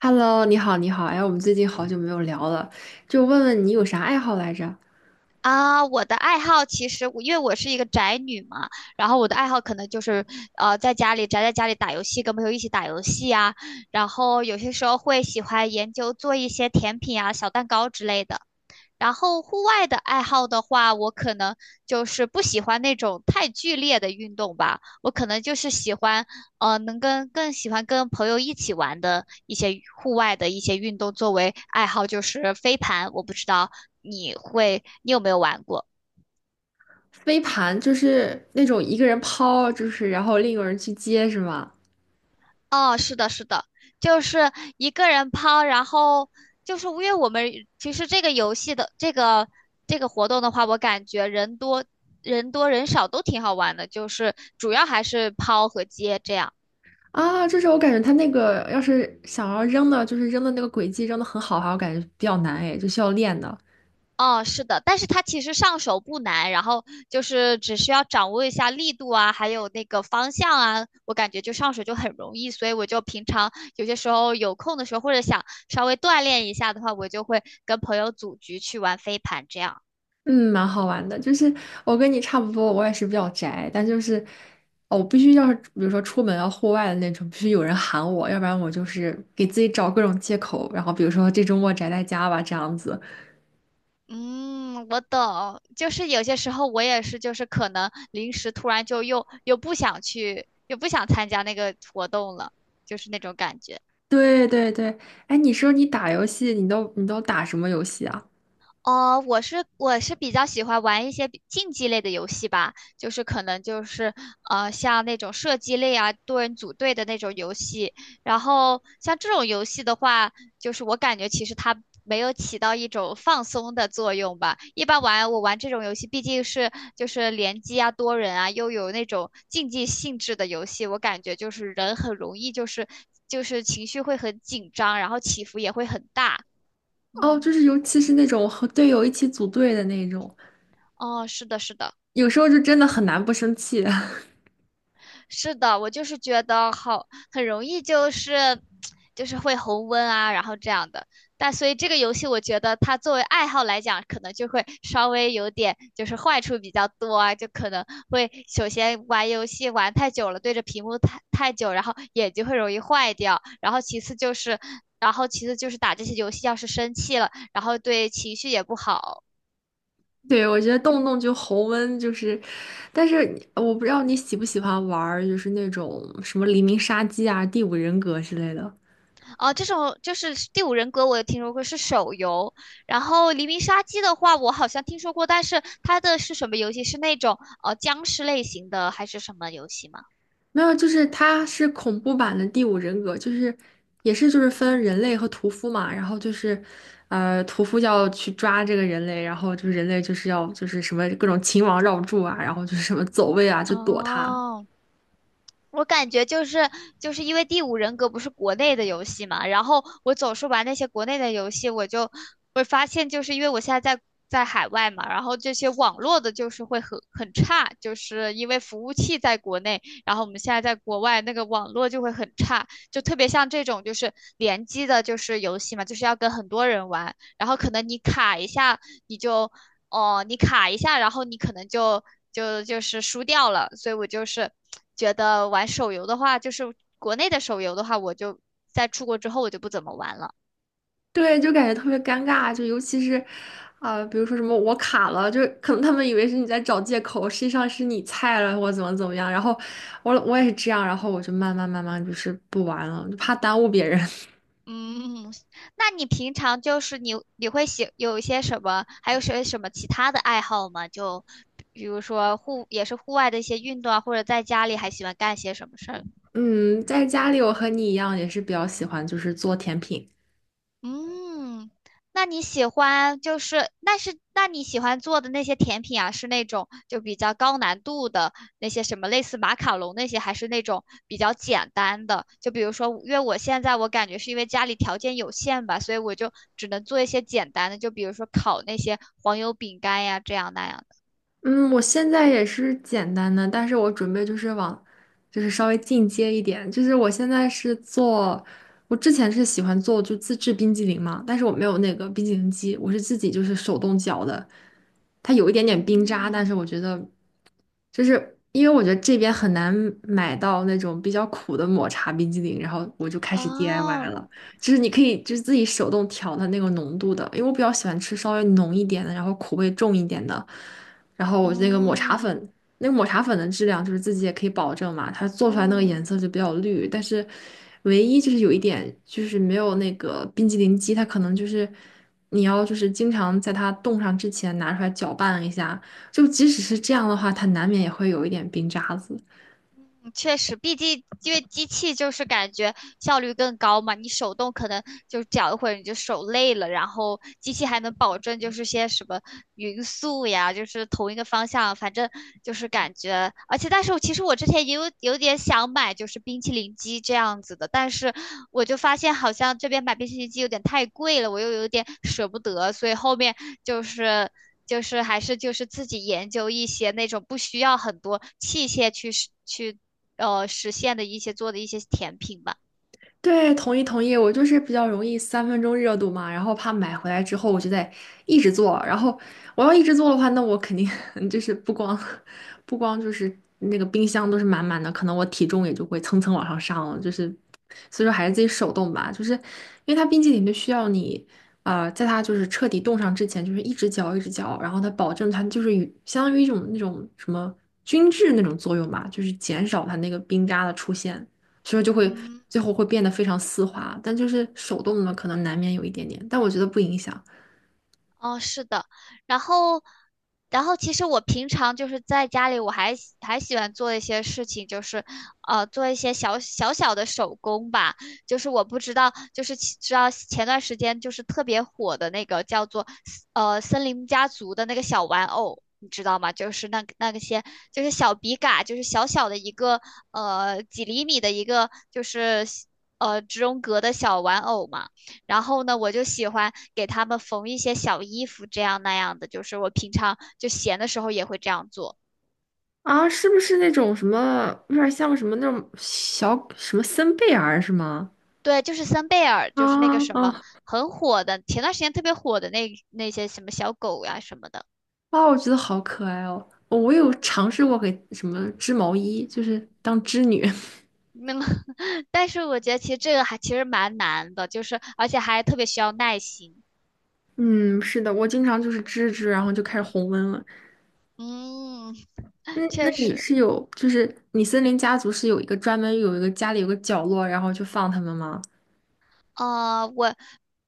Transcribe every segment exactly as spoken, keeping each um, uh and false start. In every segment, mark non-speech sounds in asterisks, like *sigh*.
Hello，你好，你好，哎，我们最近好久没有聊了，就问问你有啥爱好来着？啊，我的爱好其实我，因为我是一个宅女嘛，然后我的爱好可能就是，呃，在家里宅在家里打游戏，跟朋友一起打游戏啊，然后有些时候会喜欢研究做一些甜品啊、小蛋糕之类的。然后户外的爱好的话，我可能就是不喜欢那种太剧烈的运动吧，我可能就是喜欢，呃，能跟更喜欢跟朋友一起玩的一些户外的一些运动作为爱好，就是飞盘。我不知道你会，你有没有玩过？飞盘就是那种一个人抛，就是然后另一个人去接，是吗？哦，是的，是的，就是一个人抛，然后就是因为我们其实这个游戏的这个这个活动的话，我感觉人多人多人少都挺好玩的，就是主要还是抛和接这样。啊，就是我感觉他那个要是想要扔的，就是扔的那个轨迹扔的很好哈，我感觉比较难哎，就需要练的。哦，是的，但是它其实上手不难，然后就是只需要掌握一下力度啊，还有那个方向啊，我感觉就上手就很容易，所以我就平常有些时候有空的时候，或者想稍微锻炼一下的话，我就会跟朋友组局去玩飞盘这样。嗯，蛮好玩的，就是我跟你差不多，我也是比较宅，但就是哦，我必须要是比如说出门要户外的那种，必须有人喊我，要不然我就是给自己找各种借口，然后比如说这周末宅在家吧，这样子。嗯，我懂，就是有些时候我也是，就是可能临时突然就又又不想去，又不想参加那个活动了，就是那种感觉。对对对，哎，你说你打游戏，你都你都打什么游戏啊？哦，我是我是比较喜欢玩一些比竞技类的游戏吧，就是可能就是呃像那种射击类啊、多人组队的那种游戏。然后像这种游戏的话，就是我感觉其实它没有起到一种放松的作用吧。一般玩我玩这种游戏，毕竟是就是联机啊、多人啊，又有那种竞技性质的游戏，我感觉就是人很容易就是就是情绪会很紧张，然后起伏也会很大。哦，嗯。就是尤其是那种和队友一起组队的那种，哦，是的，是的。有时候就真的很难不生气。是的，我就是觉得好，很容易就是就是会红温啊，然后这样的。但所以这个游戏，我觉得它作为爱好来讲，可能就会稍微有点就是坏处比较多啊，就可能会首先玩游戏玩太久了，对着屏幕太太久，然后眼睛会容易坏掉。然后其次就是，然后其次就是打这些游戏要是生气了，然后对情绪也不好。*laughs* 对，我觉得动不动就红温，就是，但是你我不知道你喜不喜欢玩儿就是那种什么《黎明杀机》啊、《第五人格》之类的。哦，这种就是《第五人格》，我有听说过是手游。然后《黎明杀机》的话，我好像听说过，但是它的是什么游戏？是那种呃僵尸类型的，还是什么游戏吗？没有，就是它是恐怖版的第五人格，就是也是就是分人类和屠夫嘛，然后就是，呃，屠夫要去抓这个人类，然后就是人类就是要就是什么各种秦王绕柱啊，然后就是什么走位啊，就躲他，哦，我感觉就是就是因为《第五人格》不是国内的游戏嘛，然后我总是玩那些国内的游戏，我就会发现，就是因为我现在在在海外嘛，然后这些网络的就是会很很差，就是因为服务器在国内，然后我们现在在国外那个网络就会很差，就特别像这种就是联机的，就是游戏嘛，就是要跟很多人玩，然后可能你卡一下，你就哦，你卡一下，然后你可能就就就是输掉了。所以我就是觉得玩手游的话，就是国内的手游的话，我就在出国之后我就不怎么玩了。对，就感觉特别尴尬，就尤其是，啊、比如说什么我卡了，就是可能他们以为是你在找借口，实际上是你菜了或怎么怎么样，然后我我也是这样，然后我就慢慢慢慢就是不玩了，就怕耽误别人。嗯，那你平常就是你你会喜有一些什么，还有些什么其他的爱好吗？就比如说户也是户外的一些运动啊，或者在家里还喜欢干些什么事儿？嗯，在家里我和你一样，也是比较喜欢就是做甜品。嗯，那你喜欢就是，那是那你喜欢做的那些甜品啊，是那种就比较高难度的那些什么类似马卡龙那些，还是那种比较简单的？就比如说，因为我现在我感觉是因为家里条件有限吧，所以我就只能做一些简单的，就比如说烤那些黄油饼干呀，这样那样的。嗯，我现在也是简单的，但是我准备就是往，就是稍微进阶一点。就是我现在是做，我之前是喜欢做就自制冰激凌嘛，但是我没有那个冰激凌机，我是自己就是手动搅的。它有一点点冰渣，但嗯。是我觉得就是因为我觉得这边很难买到那种比较苦的抹茶冰激凌，然后我就开始 D I Y 哦。了。就是你可以就是自己手动调它那个浓度的，因为我比较喜欢吃稍微浓一点的，然后苦味重一点的。然后我那个抹茶嗯粉，那个抹茶粉的质量就是自己也可以保证嘛，它做出来那个嗯。颜色就比较绿，但是唯一就是有一点就是没有那个冰激凌机，它可能就是你要就是经常在它冻上之前拿出来搅拌一下。就即使是这样的话，它难免也会有一点冰渣子。嗯，确实，毕竟因为机器就是感觉效率更高嘛，你手动可能就搅一会儿你就手累了，然后机器还能保证就是些什么匀速呀，就是同一个方向，反正就是感觉，而且但是我其实我之前也有有点想买就是冰淇淋机这样子的，但是我就发现好像这边买冰淇淋机有点太贵了，我又有点舍不得，所以后面就是。就是还是就是自己研究一些那种不需要很多器械去实去呃实现的一些做的一些甜品吧。对，同意同意，我就是比较容易三分钟热度嘛，然后怕买回来之后我就得一直做，然后我要一直做的话，那我肯定 *laughs* 就是不光不光就是那个冰箱都是满满的，可能我体重也就会蹭蹭往上上了，就是所以说还是自己手动吧，就是因为它冰淇淋就需要你呃，在它就是彻底冻上之前，就是一直嚼一直嚼，然后它保证它就是与相当于一种那种什么均质那种作用吧，就是减少它那个冰渣的出现。所以就会嗯。最后会变得非常丝滑，但就是手动的可能难免有一点点，但我觉得不影响。哦，是的，然后，然后，其实我平常就是在家里，我还喜还喜欢做一些事情，就是呃做一些小小小的手工吧。就是我不知道，就是其知道前段时间就是特别火的那个叫做呃森林家族的那个小玩偶，你知道吗？就是那个那个些就是小笔杆，就是小小的一个呃几厘米的一个就是呃植绒格的小玩偶嘛。然后呢，我就喜欢给他们缝一些小衣服，这样那样的，就是我平常就闲的时候也会这样做。啊，是不是那种什么，有点像什么那种小什么森贝儿是吗？对，就是森贝尔，啊就是那个什么啊很火的，前段时间特别火的那那些什么小狗呀、什么的。啊！我觉得好可爱哦。哦我有尝试过给什么织毛衣，就是当织女。*laughs* 那么，*laughs* 但是我觉得其实这个还其实蛮难的，就是而且还特别需要耐心。嗯，是的，我经常就是织织，然后就开始红温了。嗯，那那确你实。是有，就是你森林家族是有一个专门有一个家里有个角落，然后就放它们吗？呃，我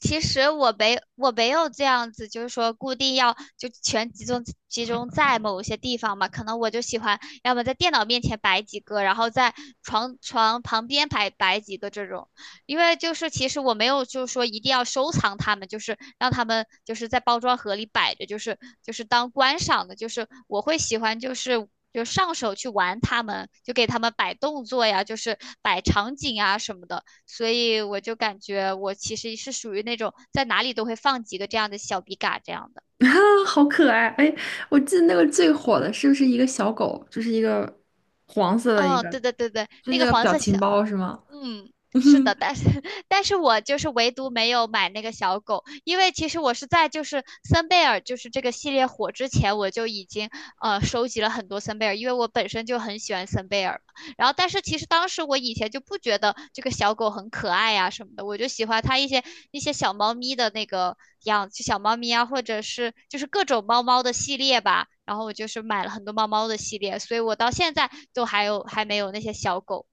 其实我没我没有这样子，就是说固定要就全集中集中在某些地方嘛，可能我就喜欢要么在电脑面前摆几个，然后在床床旁边摆摆几个这种，因为就是其实我没有就是说一定要收藏它们，就是让它们就是在包装盒里摆着，就是就是当观赏的，就是我会喜欢就是。就上手去玩它们，就给它们摆动作呀，就是摆场景啊什么的。所以我就感觉我其实是属于那种在哪里都会放几个这样的小笔杆这样的。*laughs* 啊，好可爱！哎，我记得那个最火的是不是一个小狗，就是一个黄色的一哦，个，对对对对，就那那个个黄表色小，情包是吗？嗯，是的，但是 *laughs* 但是我就是唯独没有买那个小狗，因为其实我是在就是森贝尔就是这个系列火之前，我就已经呃收集了很多森贝尔，因为我本身就很喜欢森贝尔嘛。然后，但是其实当时我以前就不觉得这个小狗很可爱呀、什么的，我就喜欢它一些一些小猫咪的那个样子，就小猫咪啊，或者是就是各种猫猫的系列吧。然后我就是买了很多猫猫的系列，所以我到现在都还有还没有那些小狗。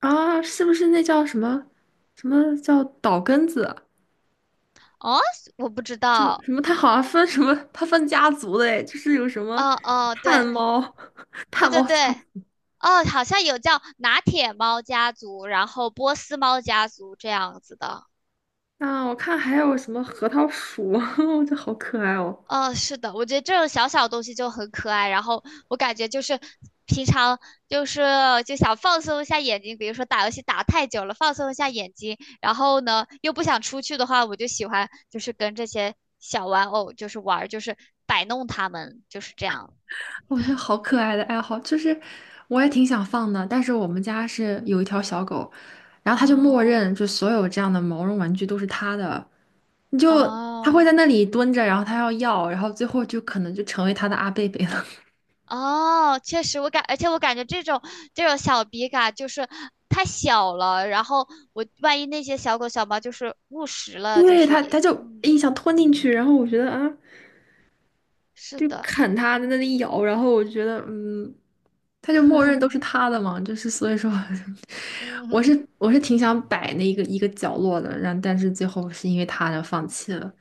啊，是不是那叫什么什么叫岛根子？哦，我不知什么道。什么？它好像分什么？它分家族的哎，就是有什么哦哦，炭对猫、*laughs* 对炭对猫家对。族哦，好像有叫拿铁猫家族，然后波斯猫家族这样子的。啊，我看还有什么核桃鼠，*laughs* 我觉得好可爱哦。嗯，是的，我觉得这种小小东西就很可爱。然后我感觉就是平常就是就想放松一下眼睛，比如说打游戏打太久了，放松一下眼睛。然后呢，又不想出去的话，我就喜欢就是跟这些小玩偶就是玩儿就是摆弄它们，就是这样。我觉得好可爱的爱好，就是我也挺想放的，但是我们家是有一条小狗，然后它就默哦认就所有这样的毛绒玩具都是它的，你就它哦。会在那里蹲着，然后它要要，然后最后就可能就成为它的阿贝贝了。哦，确实，我感，而且我感觉这种这种小笔杆就是太小了，然后我万一那些小狗小猫就是误食 *laughs* 了，就对，是它也，它就嗯，一想吞进去，然后我觉得啊，是就的，啃它在那里咬，然后我觉得嗯，它就默认都是它的嘛，就是所以说 *laughs* 我嗯，是我是挺想摆那一个一个角落的，然后但是最后是因为它而放弃了。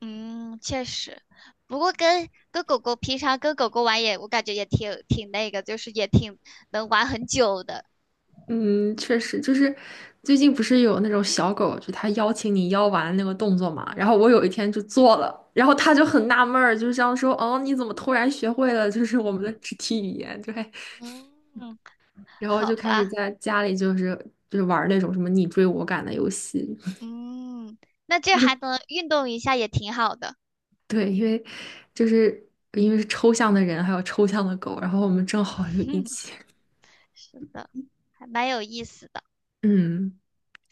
嗯，确实。不过跟跟狗狗平常跟狗狗玩也，我感觉也挺挺那个，就是也挺能玩很久的，嗯，确实，就是最近不是有那种小狗，就它邀请你邀玩那个动作嘛，然后我有一天就做了，然后它就很纳闷儿，就是这样说，哦，你怎么突然学会了就是我们的肢体语言？对，嗯，然后好就开始吧？在家里就是就是玩儿那种什么你追我赶的游戏，嗯，那这 *laughs* 就还是能运动一下也挺好的，对，因为就是因为是抽象的人，还有抽象的狗，然后我们正好就一起，*laughs* 是的，还蛮有意思的。嗯。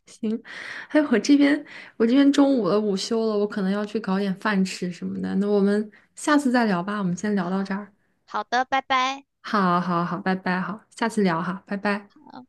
行，哎，我这边我这边中午了，午休了，我可能要去搞点饭吃什么的。那我们下次再聊吧，我们先聊好，到这儿。好的，拜拜。好，好，好，拜拜，好，下次聊哈，拜拜。啊。